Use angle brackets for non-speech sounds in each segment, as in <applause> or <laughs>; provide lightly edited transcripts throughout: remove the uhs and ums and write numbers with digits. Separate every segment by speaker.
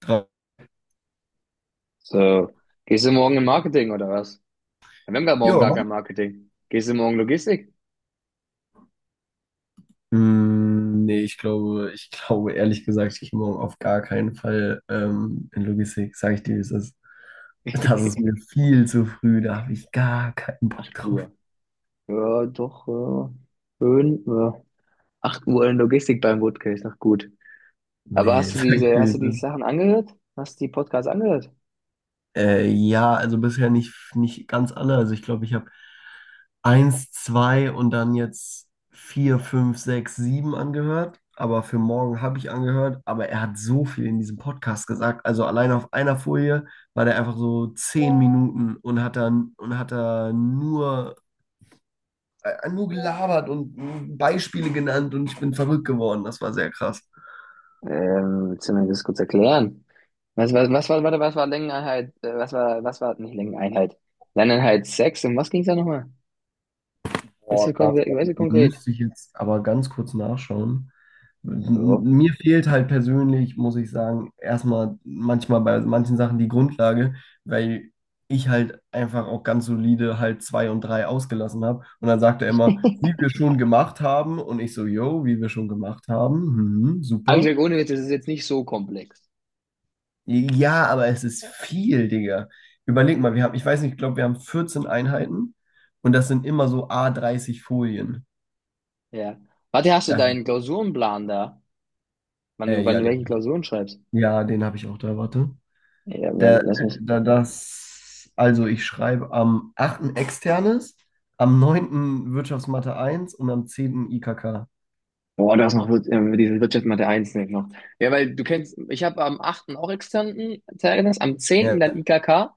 Speaker 1: Drei.
Speaker 2: So, gehst du morgen im Marketing oder was? Ja, wir haben gar morgen
Speaker 1: Ja.
Speaker 2: gar kein Marketing. Gehst du morgen Logistik?
Speaker 1: Nee, ich glaube ehrlich gesagt, ich gehe morgen auf gar keinen Fall in Logistik, sage ich dir, wie es ist. Das ist mir
Speaker 2: <laughs>
Speaker 1: viel zu früh, da habe ich gar keinen Bock
Speaker 2: 8
Speaker 1: drauf.
Speaker 2: Uhr. Ja, doch, ja. Schön, ja. 8 Uhr in Logistik beim Woodcase, noch gut. Aber
Speaker 1: Nee, <laughs>
Speaker 2: hast du
Speaker 1: sag ich
Speaker 2: diese,
Speaker 1: dir, wie
Speaker 2: hast du
Speaker 1: es
Speaker 2: diese
Speaker 1: ist.
Speaker 2: Sachen angehört? Hast du die Podcasts angehört?
Speaker 1: Ja, also bisher nicht ganz alle. Also ich glaube, ich habe eins, zwei und dann jetzt vier, fünf, sechs, sieben angehört. Aber für morgen habe ich angehört. Aber er hat so viel in diesem Podcast gesagt. Also allein auf einer Folie war der einfach so 10 Minuten und hat dann und hat da nur, nur gelabert und Beispiele genannt und ich bin verrückt geworden. Das war sehr krass.
Speaker 2: Willst du mir das kurz erklären? Was war Längeneinheit, nicht Längeneinheit, Längeneinheit sechs, um was ging's da nochmal?
Speaker 1: Boah, warte, da
Speaker 2: Weißt du konkret?
Speaker 1: müsste ich jetzt aber ganz kurz nachschauen.
Speaker 2: So.
Speaker 1: Mir fehlt halt persönlich, muss ich sagen, erstmal manchmal bei manchen Sachen die Grundlage, weil ich halt einfach auch ganz solide halt zwei und drei ausgelassen habe. Und dann sagt er immer, wie wir schon gemacht haben. Und ich so, yo, wie wir schon gemacht haben. Mhm,
Speaker 2: Aber ich
Speaker 1: super.
Speaker 2: sag, ohne Witz, das ist jetzt nicht so komplex.
Speaker 1: Ja, aber es ist viel, Digga. Überleg mal, wir haben, ich weiß nicht, ich glaube, wir haben 14 Einheiten und das sind immer so à 30 Folien.
Speaker 2: Ja. Warte, hast du
Speaker 1: Das,
Speaker 2: deinen Klausurenplan da? Wann du, wann
Speaker 1: ja,
Speaker 2: du
Speaker 1: Digga.
Speaker 2: welche Klausuren schreibst?
Speaker 1: Ja, den habe ich auch da, warte.
Speaker 2: Ja, weil,
Speaker 1: Der,
Speaker 2: lass mich.
Speaker 1: also ich schreibe am 8. Externes, am 9. Wirtschaftsmathe eins und am 10. IKK.
Speaker 2: Boah, du hast noch diese Wirtschaft Mathe 1 nicht noch. Ja, weil du kennst, ich habe am 8. Auch externen Zeugnis, am 10.
Speaker 1: Ja,
Speaker 2: Dann IKK,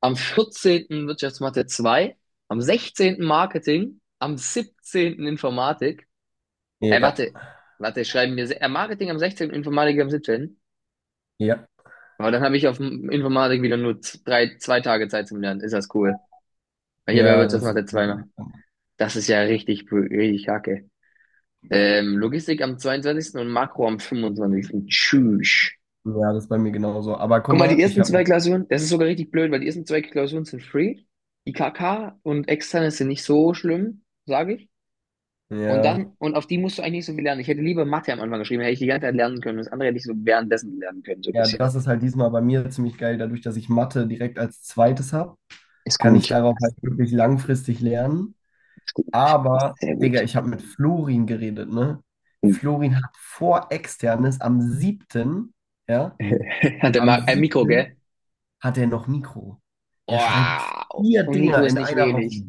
Speaker 2: am 14. Wirtschaftsmathe 2, am 16. Marketing, am 17. Informatik. Ey,
Speaker 1: ja,
Speaker 2: warte, schreiben wir Marketing am 16., Informatik am siebzehnten.
Speaker 1: ja,
Speaker 2: Aber dann habe ich auf dem Informatik wieder nur drei, zwei Tage Zeit zum Lernen. Ist das cool. Weil ich habe ja Wirtschaftsmathe 2 noch.
Speaker 1: ja,
Speaker 2: Das ist ja richtig, richtig kacke. Logistik am 22. Und Makro am fünfundzwanzigsten. Tschüss.
Speaker 1: das ist bei mir genauso. Aber guck
Speaker 2: Guck mal, die
Speaker 1: mal,
Speaker 2: ersten zwei Klausuren, das ist sogar richtig blöd, weil die ersten zwei Klausuren sind free. Die KK und externe sind nicht so schlimm, sage ich. Und
Speaker 1: ja,
Speaker 2: dann, und auf die musst du eigentlich nicht so viel lernen. Ich hätte lieber Mathe am Anfang geschrieben, hätte ich die ganze Zeit lernen können. Das andere hätte ich so währenddessen lernen können, so ein
Speaker 1: ja,
Speaker 2: bisschen.
Speaker 1: das ist halt diesmal bei mir ziemlich geil, dadurch, dass ich Mathe direkt als zweites habe,
Speaker 2: Ist
Speaker 1: kann ich
Speaker 2: gut.
Speaker 1: darauf
Speaker 2: Das
Speaker 1: halt
Speaker 2: ist
Speaker 1: wirklich langfristig lernen.
Speaker 2: gut. Das
Speaker 1: Aber,
Speaker 2: ist sehr
Speaker 1: Digga,
Speaker 2: gut.
Speaker 1: ich habe mit Florin geredet, ne?
Speaker 2: Und,
Speaker 1: Florin hat vor Externes am 7., ja,
Speaker 2: <laughs> Hat der
Speaker 1: am
Speaker 2: Marc ein Mikro, gell?
Speaker 1: siebten hat er noch Mikro. Der schreibt
Speaker 2: Wow.
Speaker 1: vier
Speaker 2: Und Mikro
Speaker 1: Dinger
Speaker 2: ist
Speaker 1: in
Speaker 2: nicht
Speaker 1: einer Woche.
Speaker 2: wenig.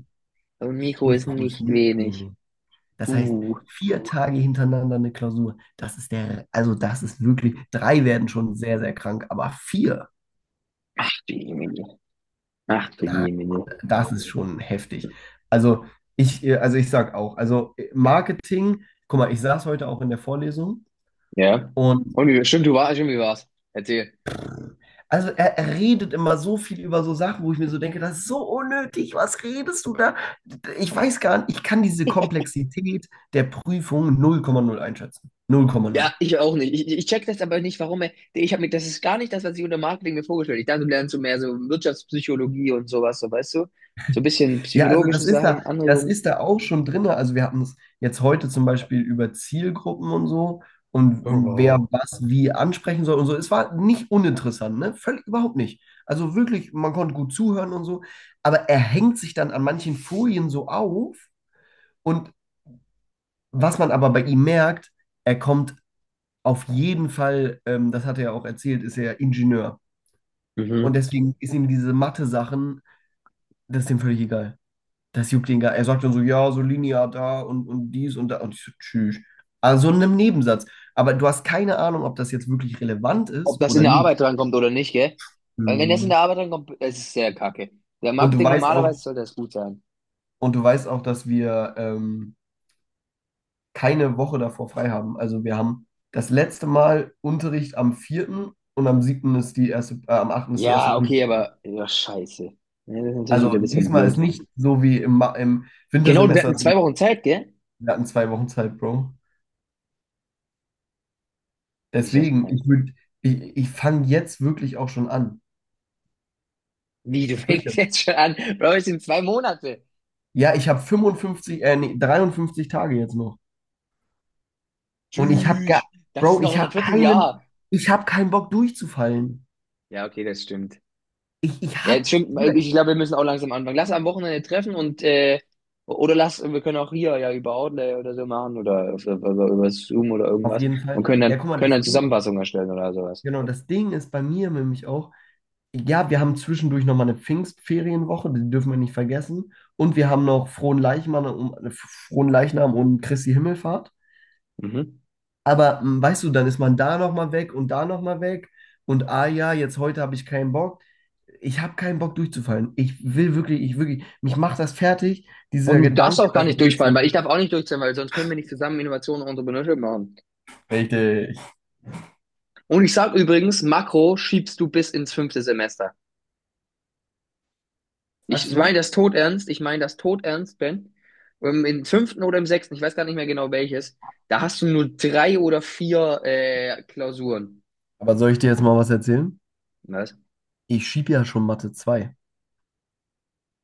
Speaker 2: Und Mikro ist
Speaker 1: Mikro ist
Speaker 2: nicht
Speaker 1: nicht, nee,
Speaker 2: wenig.
Speaker 1: nee. Das heißt,
Speaker 2: Uh,
Speaker 1: vier Tage hintereinander eine Klausur. Also das ist wirklich, drei werden schon sehr, sehr krank, aber vier,
Speaker 2: Ach du Jemine. Ach du
Speaker 1: da,
Speaker 2: Jemine.
Speaker 1: das ist schon heftig. Also also ich sag auch, Marketing, guck mal, ich saß heute auch in der Vorlesung.
Speaker 2: Ja.
Speaker 1: Und
Speaker 2: Und wie, stimmt, du warst, Stimmt, du warst. Erzähl.
Speaker 1: also er redet immer so viel über so Sachen, wo ich mir so denke, das ist so unnötig, was redest du da? Ich weiß gar nicht, ich kann diese Komplexität der Prüfung 0,0 einschätzen.
Speaker 2: Ja,
Speaker 1: 0,0.
Speaker 2: ich auch nicht. Ich check das aber nicht, warum er. Das ist gar nicht das, was ich unter Marketing mir vorgestellt habe. Ich dachte, du lernst so mehr so Wirtschaftspsychologie und sowas, so weißt du? So ein bisschen
Speaker 1: Ja, also
Speaker 2: psychologische Sachen,
Speaker 1: das
Speaker 2: Anregungen.
Speaker 1: ist da auch schon drin. Also wir hatten es jetzt heute zum Beispiel über Zielgruppen und so und wer was wie ansprechen soll und so. Es war nicht uninteressant, ne? Völlig überhaupt nicht. Also wirklich, man konnte gut zuhören und so, aber er hängt sich dann an manchen Folien so auf. Und was man aber bei ihm merkt, er kommt auf jeden Fall, das hat er ja auch erzählt, ist er Ingenieur.
Speaker 2: Mhm.
Speaker 1: Und deswegen ist ihm diese Mathe-Sachen, das ist ihm völlig egal. Das juckt ihn gar. Er sagt dann so, ja, so linear da und dies und da. Und ich so, tschüss. Also in einem Nebensatz. Aber du hast keine Ahnung, ob das jetzt wirklich relevant
Speaker 2: Ob
Speaker 1: ist
Speaker 2: das in
Speaker 1: oder
Speaker 2: der
Speaker 1: nicht.
Speaker 2: Arbeit drankommt oder nicht, gell? Weil wenn das in
Speaker 1: Mhm.
Speaker 2: der Arbeit drankommt, es ist sehr kacke. Der
Speaker 1: Und du
Speaker 2: Marketing
Speaker 1: weißt auch,
Speaker 2: normalerweise sollte das gut sein.
Speaker 1: und du weißt auch, dass wir keine Woche davor frei haben. Also wir haben das letzte Mal Unterricht am 4. und am 7. ist die erste, am 8. ist die erste
Speaker 2: Ja, okay,
Speaker 1: Prüfung.
Speaker 2: aber ja, scheiße. Ja, das ist natürlich
Speaker 1: Also
Speaker 2: wieder ein bisschen
Speaker 1: diesmal ist
Speaker 2: blöd.
Speaker 1: nicht so wie im
Speaker 2: Genau, wir
Speaker 1: Wintersemester,
Speaker 2: hatten
Speaker 1: dass wir
Speaker 2: 2 Wochen Zeit, gell?
Speaker 1: wir hatten zwei Wochen Zeit, Bro.
Speaker 2: Ich das
Speaker 1: Deswegen,
Speaker 2: krank.
Speaker 1: ich fange jetzt wirklich auch schon an.
Speaker 2: Wie, du <laughs>
Speaker 1: Es bringt ja.
Speaker 2: fängst jetzt schon an? Bro, es sind 2 Monate.
Speaker 1: Ja, ich habe 55, nee, 53 Tage jetzt noch. Und ich habe gar,
Speaker 2: Tschüss. Das ist
Speaker 1: Bro,
Speaker 2: noch in einem Vierteljahr.
Speaker 1: ich habe keinen Bock durchzufallen.
Speaker 2: Ja, okay, das stimmt.
Speaker 1: Ich, ich
Speaker 2: Ja,
Speaker 1: hab,
Speaker 2: das stimmt.
Speaker 1: Bruder,
Speaker 2: Ich glaube, wir müssen auch langsam anfangen. Lass am Wochenende treffen wir können auch hier ja über Outlay oder so machen oder über Zoom oder
Speaker 1: auf
Speaker 2: irgendwas
Speaker 1: jeden
Speaker 2: und
Speaker 1: Fall.
Speaker 2: können dann,
Speaker 1: Ja, guck mal,
Speaker 2: können dann Zusammenfassungen erstellen oder sowas.
Speaker 1: Genau, das Ding ist bei mir nämlich auch, ja, wir haben zwischendurch nochmal eine Pfingstferienwoche, die dürfen wir nicht vergessen. Und wir haben noch Frohen Leichnam und Christi Himmelfahrt.
Speaker 2: Mhm.
Speaker 1: Aber weißt du, dann ist man da nochmal weg und da nochmal weg. Und ah ja, jetzt heute habe ich keinen Bock. Ich habe keinen Bock durchzufallen. Ich will wirklich, ich wirklich, mich macht das fertig,
Speaker 2: Und
Speaker 1: dieser
Speaker 2: du darfst
Speaker 1: Gedanke,
Speaker 2: auch gar
Speaker 1: dass ich
Speaker 2: nicht
Speaker 1: mit
Speaker 2: durchfallen,
Speaker 1: so.
Speaker 2: weil ich darf auch nicht durchfallen, weil sonst können wir nicht zusammen Innovationen und Entrepreneurship machen.
Speaker 1: Richtig.
Speaker 2: Und ich sag übrigens, Makro schiebst du bis ins fünfte Semester.
Speaker 1: Sagst
Speaker 2: Ich meine
Speaker 1: du?
Speaker 2: das todernst, ich meine das todernst, Ben. Im fünften oder im sechsten, ich weiß gar nicht mehr genau welches, da hast du nur drei oder vier Klausuren.
Speaker 1: Aber soll ich dir jetzt mal was erzählen?
Speaker 2: Was?
Speaker 1: Ich schiebe ja schon Mathe 2.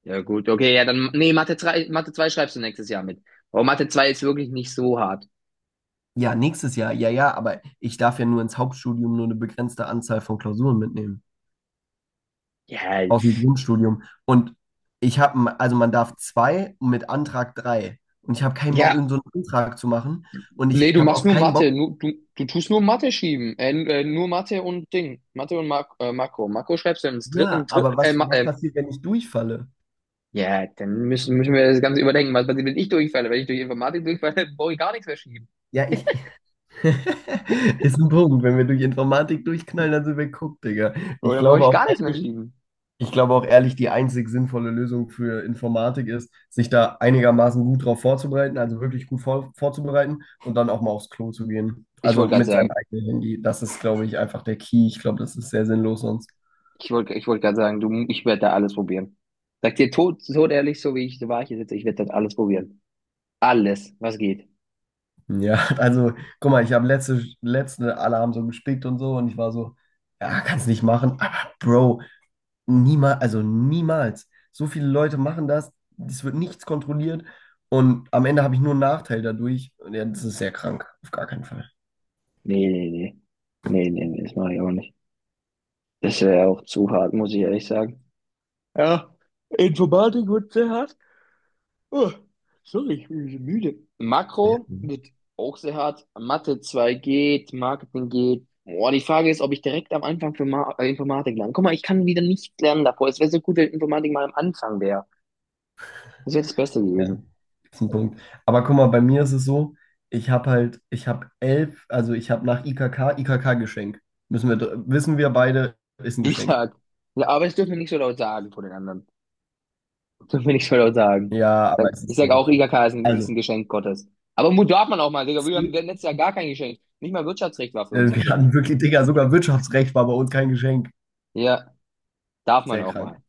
Speaker 2: Ja gut, okay, ja dann, nee, Mathe 3, Mathe 2 schreibst du nächstes Jahr mit. Aber Mathe 2 ist wirklich nicht so hart.
Speaker 1: Ja, nächstes Jahr, ja, ja, aber ich darf ja nur ins Hauptstudium nur eine begrenzte Anzahl von Klausuren mitnehmen.
Speaker 2: Ja,
Speaker 1: Aus dem
Speaker 2: pf.
Speaker 1: Grundstudium. Und also man darf zwei mit Antrag drei. Und ich habe keinen Bock,
Speaker 2: Ja,
Speaker 1: irgendeinen so einen Antrag zu machen. Und
Speaker 2: nee,
Speaker 1: ich
Speaker 2: du
Speaker 1: habe
Speaker 2: machst
Speaker 1: auch
Speaker 2: nur
Speaker 1: keinen
Speaker 2: Mathe,
Speaker 1: Bock,
Speaker 2: nur, du tust nur Mathe schieben, nur Mathe und Ding, Mathe und Makro. Makro schreibst du im dritten, im
Speaker 1: ja,
Speaker 2: dritten,
Speaker 1: aber
Speaker 2: äh, Ma-
Speaker 1: was
Speaker 2: äh,
Speaker 1: passiert, wenn ich durchfalle?
Speaker 2: Ja, dann müssen wir das Ganze überdenken. Was passiert, wenn ich durchfalle? Wenn ich durch Informatik durchfalle, <laughs> brauche ich gar nichts mehr schieben.
Speaker 1: Ja, ich. <laughs> Ist ein Punkt. Wenn wir durch Informatik durchknallen, dann sind wir geguckt, Digga. Ich
Speaker 2: Oder brauche
Speaker 1: glaube
Speaker 2: ich
Speaker 1: auch,
Speaker 2: gar nichts mehr schieben?
Speaker 1: Ich glaube auch ehrlich, die einzig sinnvolle Lösung für Informatik ist, sich da einigermaßen gut drauf vorzubereiten, also wirklich gut vorzubereiten und dann auch mal aufs Klo zu gehen.
Speaker 2: Ich
Speaker 1: Also
Speaker 2: wollte gerade
Speaker 1: mit seinem
Speaker 2: sagen,
Speaker 1: eigenen Handy. Das ist, glaube ich, einfach der Key. Ich glaube, das ist sehr sinnlos sonst.
Speaker 2: Ich wollte gerade sagen, du, ich werde da alles probieren. Sag dir tot, tot ehrlich, so wie ich, so war ich hier sitze, ich werde das alles probieren. Alles, was geht.
Speaker 1: Ja, <laughs> also guck mal, ich habe alle haben so gespickt und so und ich war so, ja, kannst nicht machen. Aber Bro, niemals, also niemals. So viele Leute machen das, es wird nichts kontrolliert und am Ende habe ich nur einen Nachteil dadurch. Und ja, das ist sehr krank, auf gar keinen Fall.
Speaker 2: Nee, nee, nee. Nee, nee, nee, das mache ich auch nicht. Das wäre auch zu hart, muss ich ehrlich sagen. Ja, Informatik wird sehr hart. Oh, sorry, ich bin so müde. Makro
Speaker 1: Mhm.
Speaker 2: wird auch sehr hart. Mathe 2 geht, Marketing geht. Boah, die Frage ist, ob ich direkt am Anfang für Ma Informatik lerne. Guck mal, ich kann wieder nicht lernen davor. Es wäre so gut, wenn Informatik mal am Anfang wäre. Das wäre das Beste
Speaker 1: Ja,
Speaker 2: gewesen.
Speaker 1: das ist ein Punkt. Aber guck mal, bei mir ist es so, ich habe elf, also ich habe nach IKK, IKK-Geschenk. Wissen wir beide, ist ein
Speaker 2: Ich
Speaker 1: Geschenk.
Speaker 2: sag. Ja, aber das dürfen wir nicht so laut sagen vor den anderen. Das dürfen wir nicht so laut sagen.
Speaker 1: Ja, aber es
Speaker 2: Ich
Speaker 1: ist.
Speaker 2: sag auch, IGK ist ein, ist
Speaker 1: Also,
Speaker 2: ein Geschenk Gottes. Aber Mut darf man auch mal, Digga. Wir haben wir
Speaker 1: C,
Speaker 2: haben letztes Jahr gar kein Geschenk. Nicht mal Wirtschaftsrecht war für uns
Speaker 1: Wir
Speaker 2: Geschenk.
Speaker 1: hatten wirklich, Digga, sogar Wirtschaftsrecht war bei uns kein Geschenk.
Speaker 2: Ja, darf man
Speaker 1: Sehr
Speaker 2: auch
Speaker 1: krank.
Speaker 2: mal.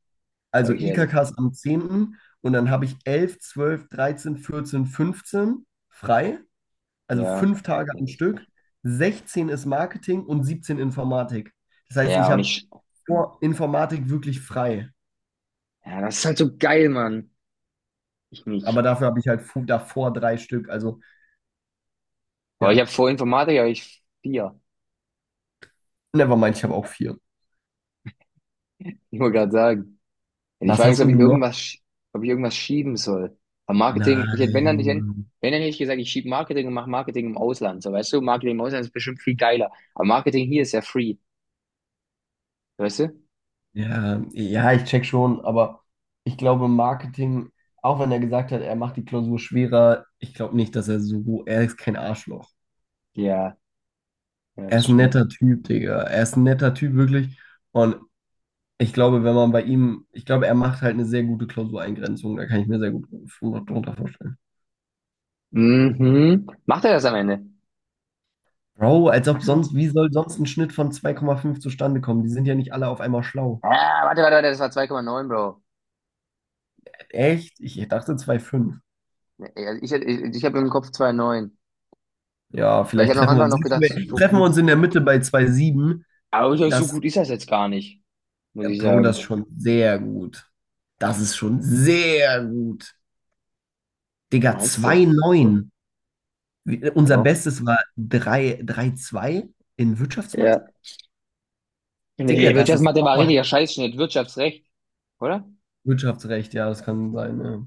Speaker 2: Sag
Speaker 1: Also
Speaker 2: ich ehrlich.
Speaker 1: IKK ist am 10. und dann habe ich 11 12 13 14 15 frei. Also
Speaker 2: Ja.
Speaker 1: fünf Tage
Speaker 2: Ja,
Speaker 1: am Stück, 16 ist Marketing und 17 Informatik. Das heißt,
Speaker 2: ja,
Speaker 1: ich habe vor Informatik wirklich frei.
Speaker 2: ja, das ist halt so geil, Mann. Ich
Speaker 1: Aber
Speaker 2: nicht.
Speaker 1: dafür habe ich halt davor drei Stück. Also
Speaker 2: Aber ich
Speaker 1: ja,
Speaker 2: habe vor Informatik, habe ich vier.
Speaker 1: nevermind, ich habe auch vier.
Speaker 2: Ich wollte gerade sagen. Ja, die
Speaker 1: Was
Speaker 2: Frage ist,
Speaker 1: hast denn du noch?
Speaker 2: ob ich irgendwas schieben soll. Aber Marketing, ich hätte, wenn dann, nicht wenn
Speaker 1: Nein.
Speaker 2: wenn dann hätte ich gesagt, ich schiebe Marketing und mache Marketing im Ausland. So, weißt du, Marketing im Ausland ist bestimmt viel geiler. Aber Marketing hier ist ja free. Weißt du?
Speaker 1: Ja, ja, ich check schon, aber ich glaube, Marketing, auch wenn er gesagt hat, er macht die Klausur schwerer, ich glaube nicht, dass er so, er ist kein Arschloch.
Speaker 2: Ja, ja,
Speaker 1: Er
Speaker 2: das
Speaker 1: ist ein
Speaker 2: stimmt.
Speaker 1: netter Typ, Digga. Er ist ein netter Typ, wirklich. Und ich glaube, wenn man bei ihm, ich glaube, er macht halt eine sehr gute Klausureingrenzung. Da kann ich mir sehr gut drunter vorstellen.
Speaker 2: Mhm. Macht er das am Ende?
Speaker 1: Bro, als ob
Speaker 2: Ach so.
Speaker 1: sonst, wie soll sonst ein Schnitt von 2,5 zustande kommen? Die sind ja nicht alle auf einmal schlau.
Speaker 2: Ah, warte, warte, warte, das war 2,9 Bro.
Speaker 1: Echt? Ich dachte 2,5.
Speaker 2: Ja, ich habe im Kopf 2,9.
Speaker 1: Ja,
Speaker 2: Weil ich
Speaker 1: vielleicht
Speaker 2: habe am
Speaker 1: treffen wir
Speaker 2: Anfang
Speaker 1: uns,
Speaker 2: noch
Speaker 1: <laughs>
Speaker 2: gedacht, so
Speaker 1: treffen wir
Speaker 2: gut.
Speaker 1: uns in der Mitte bei 2,7.
Speaker 2: Aber ich glaub, so
Speaker 1: Das,
Speaker 2: gut ist das jetzt gar nicht, muss ich
Speaker 1: Bro, das ist
Speaker 2: sagen.
Speaker 1: schon sehr gut. Das ist schon sehr gut. Digga,
Speaker 2: Meinst du?
Speaker 1: 2,9. Unser
Speaker 2: Ja.
Speaker 1: Bestes war 3, 3,2 in Wirtschaftsmathe.
Speaker 2: Ja.
Speaker 1: Digga,
Speaker 2: Nee,
Speaker 1: das ist
Speaker 2: Wirtschaftsmathe war richtiger Scheißschnitt. Wirtschaftsrecht, oder?
Speaker 1: Wirtschaftsrecht, ja, das kann sein, ja.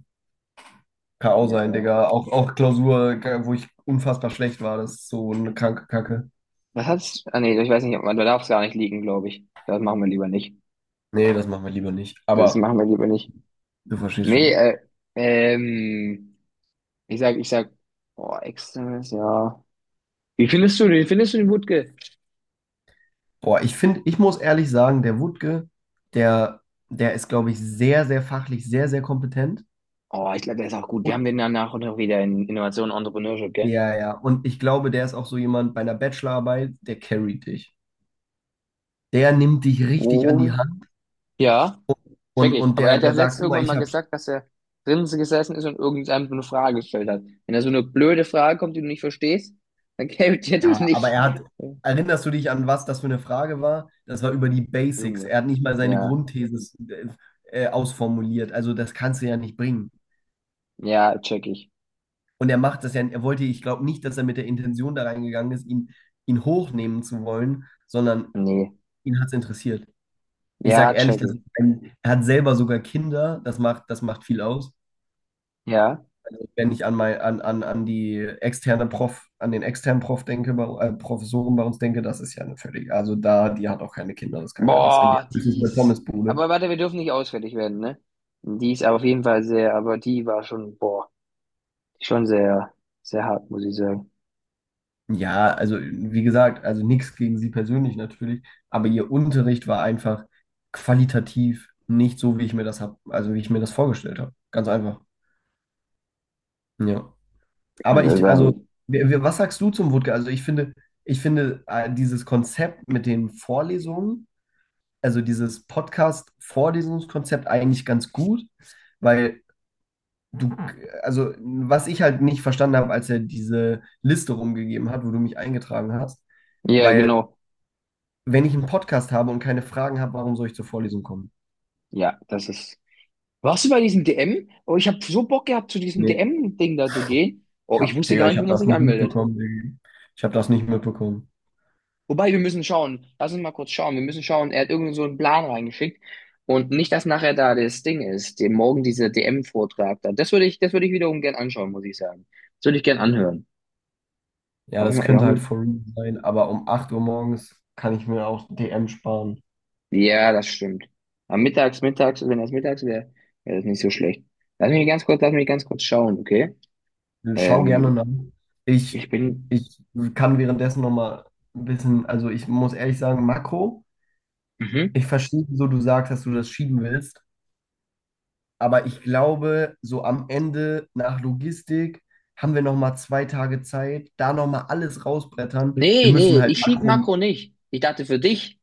Speaker 1: Kann auch
Speaker 2: Ja,
Speaker 1: sein,
Speaker 2: ja.
Speaker 1: Digga. Auch Klausur, wo ich unfassbar schlecht war, das ist so eine kranke Kacke.
Speaker 2: Was hat's? Ah, nee, ich weiß nicht, ob man da darf es gar nicht liegen, glaube ich. Das machen wir lieber nicht.
Speaker 1: Nee, das machen wir lieber nicht.
Speaker 2: Das
Speaker 1: Aber
Speaker 2: machen wir lieber nicht.
Speaker 1: du verstehst
Speaker 2: Nee,
Speaker 1: schon.
Speaker 2: ähm, ich sag, oh, externes, ja. Wie findest du den? Wie findest du den Wutke?
Speaker 1: Boah, ich finde, ich muss ehrlich sagen, der Wutke, der, der ist, glaube ich, sehr, sehr fachlich, sehr, sehr kompetent.
Speaker 2: Oh, ich glaube, der ist auch gut. Wir haben
Speaker 1: Und,
Speaker 2: den danach auch noch wieder in Innovation und Entrepreneurship, gell?
Speaker 1: ja, ja. Und ich glaube, der ist auch so jemand bei einer Bachelorarbeit, der carryt dich. Der nimmt dich richtig an die
Speaker 2: Oh.
Speaker 1: Hand
Speaker 2: Ja, check ich.
Speaker 1: und
Speaker 2: Aber er hat ja
Speaker 1: der sagt,
Speaker 2: letztens
Speaker 1: guck mal,
Speaker 2: irgendwann mal
Speaker 1: ich habe.
Speaker 2: gesagt, dass er drinnen gesessen ist und irgendeinem so eine Frage gestellt hat. Wenn da so eine blöde Frage kommt, die du nicht verstehst, dann kämpft er dich
Speaker 1: Ja, aber
Speaker 2: nicht.
Speaker 1: er hat,
Speaker 2: Ja.
Speaker 1: erinnerst du dich an was das für eine Frage war? Das war über die Basics.
Speaker 2: Irgendwas.
Speaker 1: Er hat nicht mal seine
Speaker 2: Ja,
Speaker 1: Grundthese ausformuliert. Also das kannst du ja nicht bringen.
Speaker 2: ja, check ich.
Speaker 1: Und er macht das ja, er wollte, ich glaube nicht, dass er mit der Intention da reingegangen ist, ihn hochnehmen zu wollen, sondern
Speaker 2: Nee.
Speaker 1: ihn hat es interessiert. Ich sage
Speaker 2: Ja,
Speaker 1: ehrlich,
Speaker 2: check
Speaker 1: das ist
Speaker 2: ich.
Speaker 1: ein, er hat selber sogar Kinder, das macht viel aus.
Speaker 2: Ja.
Speaker 1: Also, wenn ich an die externe Prof, an den externen Prof denke, bei, Professoren bei uns denke, das ist ja eine völlig, also da, die hat auch keine Kinder, das kann gar nicht sein. Die hat
Speaker 2: Boah, die
Speaker 1: höchstens eine
Speaker 2: ist.
Speaker 1: Pommesbude.
Speaker 2: Aber warte, wir dürfen nicht ausfällig werden, ne? Die ist aber auf jeden Fall sehr, aber die war schon, boah, schon sehr, sehr hart, muss ich sagen.
Speaker 1: Ja, also wie gesagt, also nichts gegen sie persönlich natürlich, aber ihr Unterricht war einfach qualitativ nicht so, wie ich mir das hab, also wie ich mir das vorgestellt habe. Ganz einfach. Ja. Aber
Speaker 2: Also
Speaker 1: ich, also,
Speaker 2: sagen.
Speaker 1: was sagst du zum Wutke? Also ich finde, dieses Konzept mit den Vorlesungen, also dieses Podcast-Vorlesungskonzept eigentlich ganz gut, weil du, also was ich halt nicht verstanden habe, als er diese Liste rumgegeben hat, wo du mich eingetragen hast,
Speaker 2: Ja,
Speaker 1: weil
Speaker 2: genau.
Speaker 1: wenn ich einen Podcast habe und keine Fragen habe, warum soll ich zur Vorlesung kommen?
Speaker 2: Ja, das ist. Warst du bei diesem DM? Oh, ich habe so Bock gehabt, zu diesem
Speaker 1: Nee,
Speaker 2: DM-Ding da zu gehen. Oh, ich wusste
Speaker 1: Digga,
Speaker 2: gar
Speaker 1: ich
Speaker 2: nicht, wo
Speaker 1: habe
Speaker 2: man
Speaker 1: das
Speaker 2: sich
Speaker 1: nicht
Speaker 2: anmeldet.
Speaker 1: mitbekommen. Digga. Ich habe das nicht mitbekommen.
Speaker 2: Wobei, wir müssen schauen. Lass uns mal kurz schauen. Wir müssen schauen. Er hat irgend so einen Plan reingeschickt. Und nicht, dass nachher da das Ding ist, den morgen dieser DM-Vortrag da. Das würde ich wiederum gern anschauen, muss ich sagen. Das würde ich gern anhören.
Speaker 1: Ja,
Speaker 2: Warum,
Speaker 1: das könnte halt for
Speaker 2: warum?
Speaker 1: real sein, aber um 8 Uhr morgens kann ich mir auch DM sparen.
Speaker 2: Ja, das stimmt. Am Mittags, mittags, wenn das mittags wäre, wäre das nicht so schlecht. Lass mich ganz kurz schauen, okay?
Speaker 1: Schau gerne
Speaker 2: Ähm,
Speaker 1: nach.
Speaker 2: Ich
Speaker 1: Ich,
Speaker 2: bin.
Speaker 1: ich kann währenddessen nochmal ein bisschen, also ich muss ehrlich sagen, Makro,
Speaker 2: Mhm.
Speaker 1: ich verstehe, wieso du sagst, dass du das schieben willst, aber ich glaube, so am Ende nach Logistik haben wir nochmal zwei Tage Zeit, da nochmal alles rausbrettern. Wir
Speaker 2: Nee, nee,
Speaker 1: müssen halt
Speaker 2: ich schieb
Speaker 1: Makro.
Speaker 2: Marco nicht. Ich dachte für dich,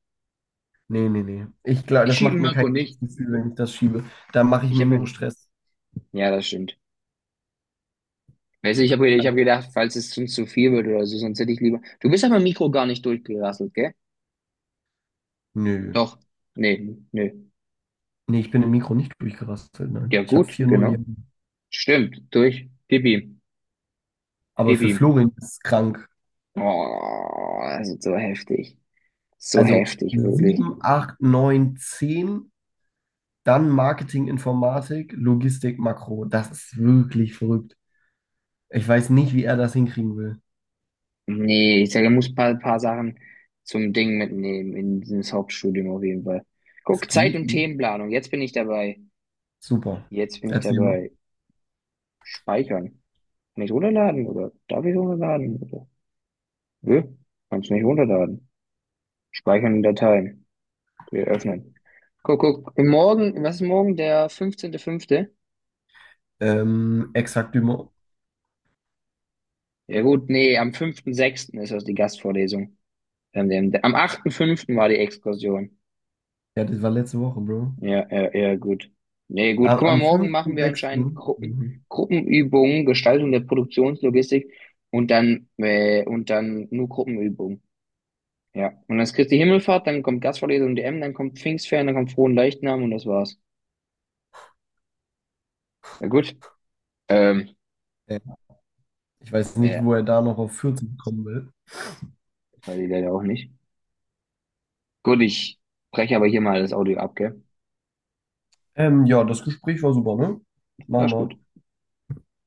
Speaker 1: Nee, nee, nee. Ich glaube,
Speaker 2: ich
Speaker 1: das
Speaker 2: schieb
Speaker 1: macht mir kein
Speaker 2: Marco nicht.
Speaker 1: gutes Gefühl, wenn ich das schiebe. Da mache ich
Speaker 2: Ich
Speaker 1: mir
Speaker 2: habe
Speaker 1: nur
Speaker 2: ihn.
Speaker 1: Stress.
Speaker 2: Ja, das stimmt. Weißt du, ich hab gedacht, falls es uns zu viel wird oder so, sonst hätte ich lieber. Du bist aber Mikro gar nicht durchgerasselt, gell?
Speaker 1: Nö.
Speaker 2: Doch. Nee, nee.
Speaker 1: Nee, ich bin im Mikro nicht durchgerastet, nein.
Speaker 2: Ja,
Speaker 1: Ich habe
Speaker 2: gut,
Speaker 1: 4,0 ja.
Speaker 2: genau. Stimmt, durch. Gib ihm,
Speaker 1: Aber
Speaker 2: gib
Speaker 1: für
Speaker 2: ihm.
Speaker 1: Florian ist es krank.
Speaker 2: Oh, das ist so heftig. So
Speaker 1: Also
Speaker 2: heftig, wirklich.
Speaker 1: 7, 8, 9, 10, dann Marketing, Informatik, Logistik, Makro. Das ist wirklich verrückt. Ich weiß nicht, wie er das hinkriegen will.
Speaker 2: Nee, ich sage, er muss ein paar Sachen zum Ding mitnehmen in dieses Hauptstudium auf jeden Fall.
Speaker 1: Es
Speaker 2: Guck, Zeit-
Speaker 1: geht
Speaker 2: und
Speaker 1: nicht.
Speaker 2: Themenplanung, jetzt bin ich dabei.
Speaker 1: Super.
Speaker 2: Jetzt bin ich
Speaker 1: Erzähl mal.
Speaker 2: dabei. Speichern. Kann ich runterladen oder darf ich runterladen? Oder? Nö, kannst nicht runterladen. Speichern in Dateien. Okay, öffnen. Guck, guck. Im Morgen, was ist morgen? Der 15.05.?
Speaker 1: Exakt immer.
Speaker 2: Ja gut, nee, am 5.6. ist das die Gastvorlesung. Am 8.05. war die Exkursion.
Speaker 1: Ja, das war letzte Woche, Bro.
Speaker 2: Ja, ja, ja, gut. Nee, gut. Guck mal,
Speaker 1: Am
Speaker 2: morgen machen
Speaker 1: fünften
Speaker 2: wir anscheinend
Speaker 1: sechsten.
Speaker 2: Gruppen,
Speaker 1: Mhm.
Speaker 2: Gruppenübungen, Gestaltung der Produktionslogistik und dann nur Gruppenübungen. Ja. Und dann ist Christi Himmelfahrt, dann kommt Gastvorlesung DM, dann kommt Pfingstferien, dann kommt Frohen Leichnam und das war's. Ja gut. Ähm,
Speaker 1: Ja. Ich weiß nicht,
Speaker 2: ja,
Speaker 1: wo er da noch auf 40 kommen will.
Speaker 2: das weiß ich leider auch nicht. Gut, ich breche aber hier mal das Audio ab, gell?
Speaker 1: Ja, das Gespräch war super, ne?
Speaker 2: Ja,
Speaker 1: Machen
Speaker 2: ist gut.
Speaker 1: wir.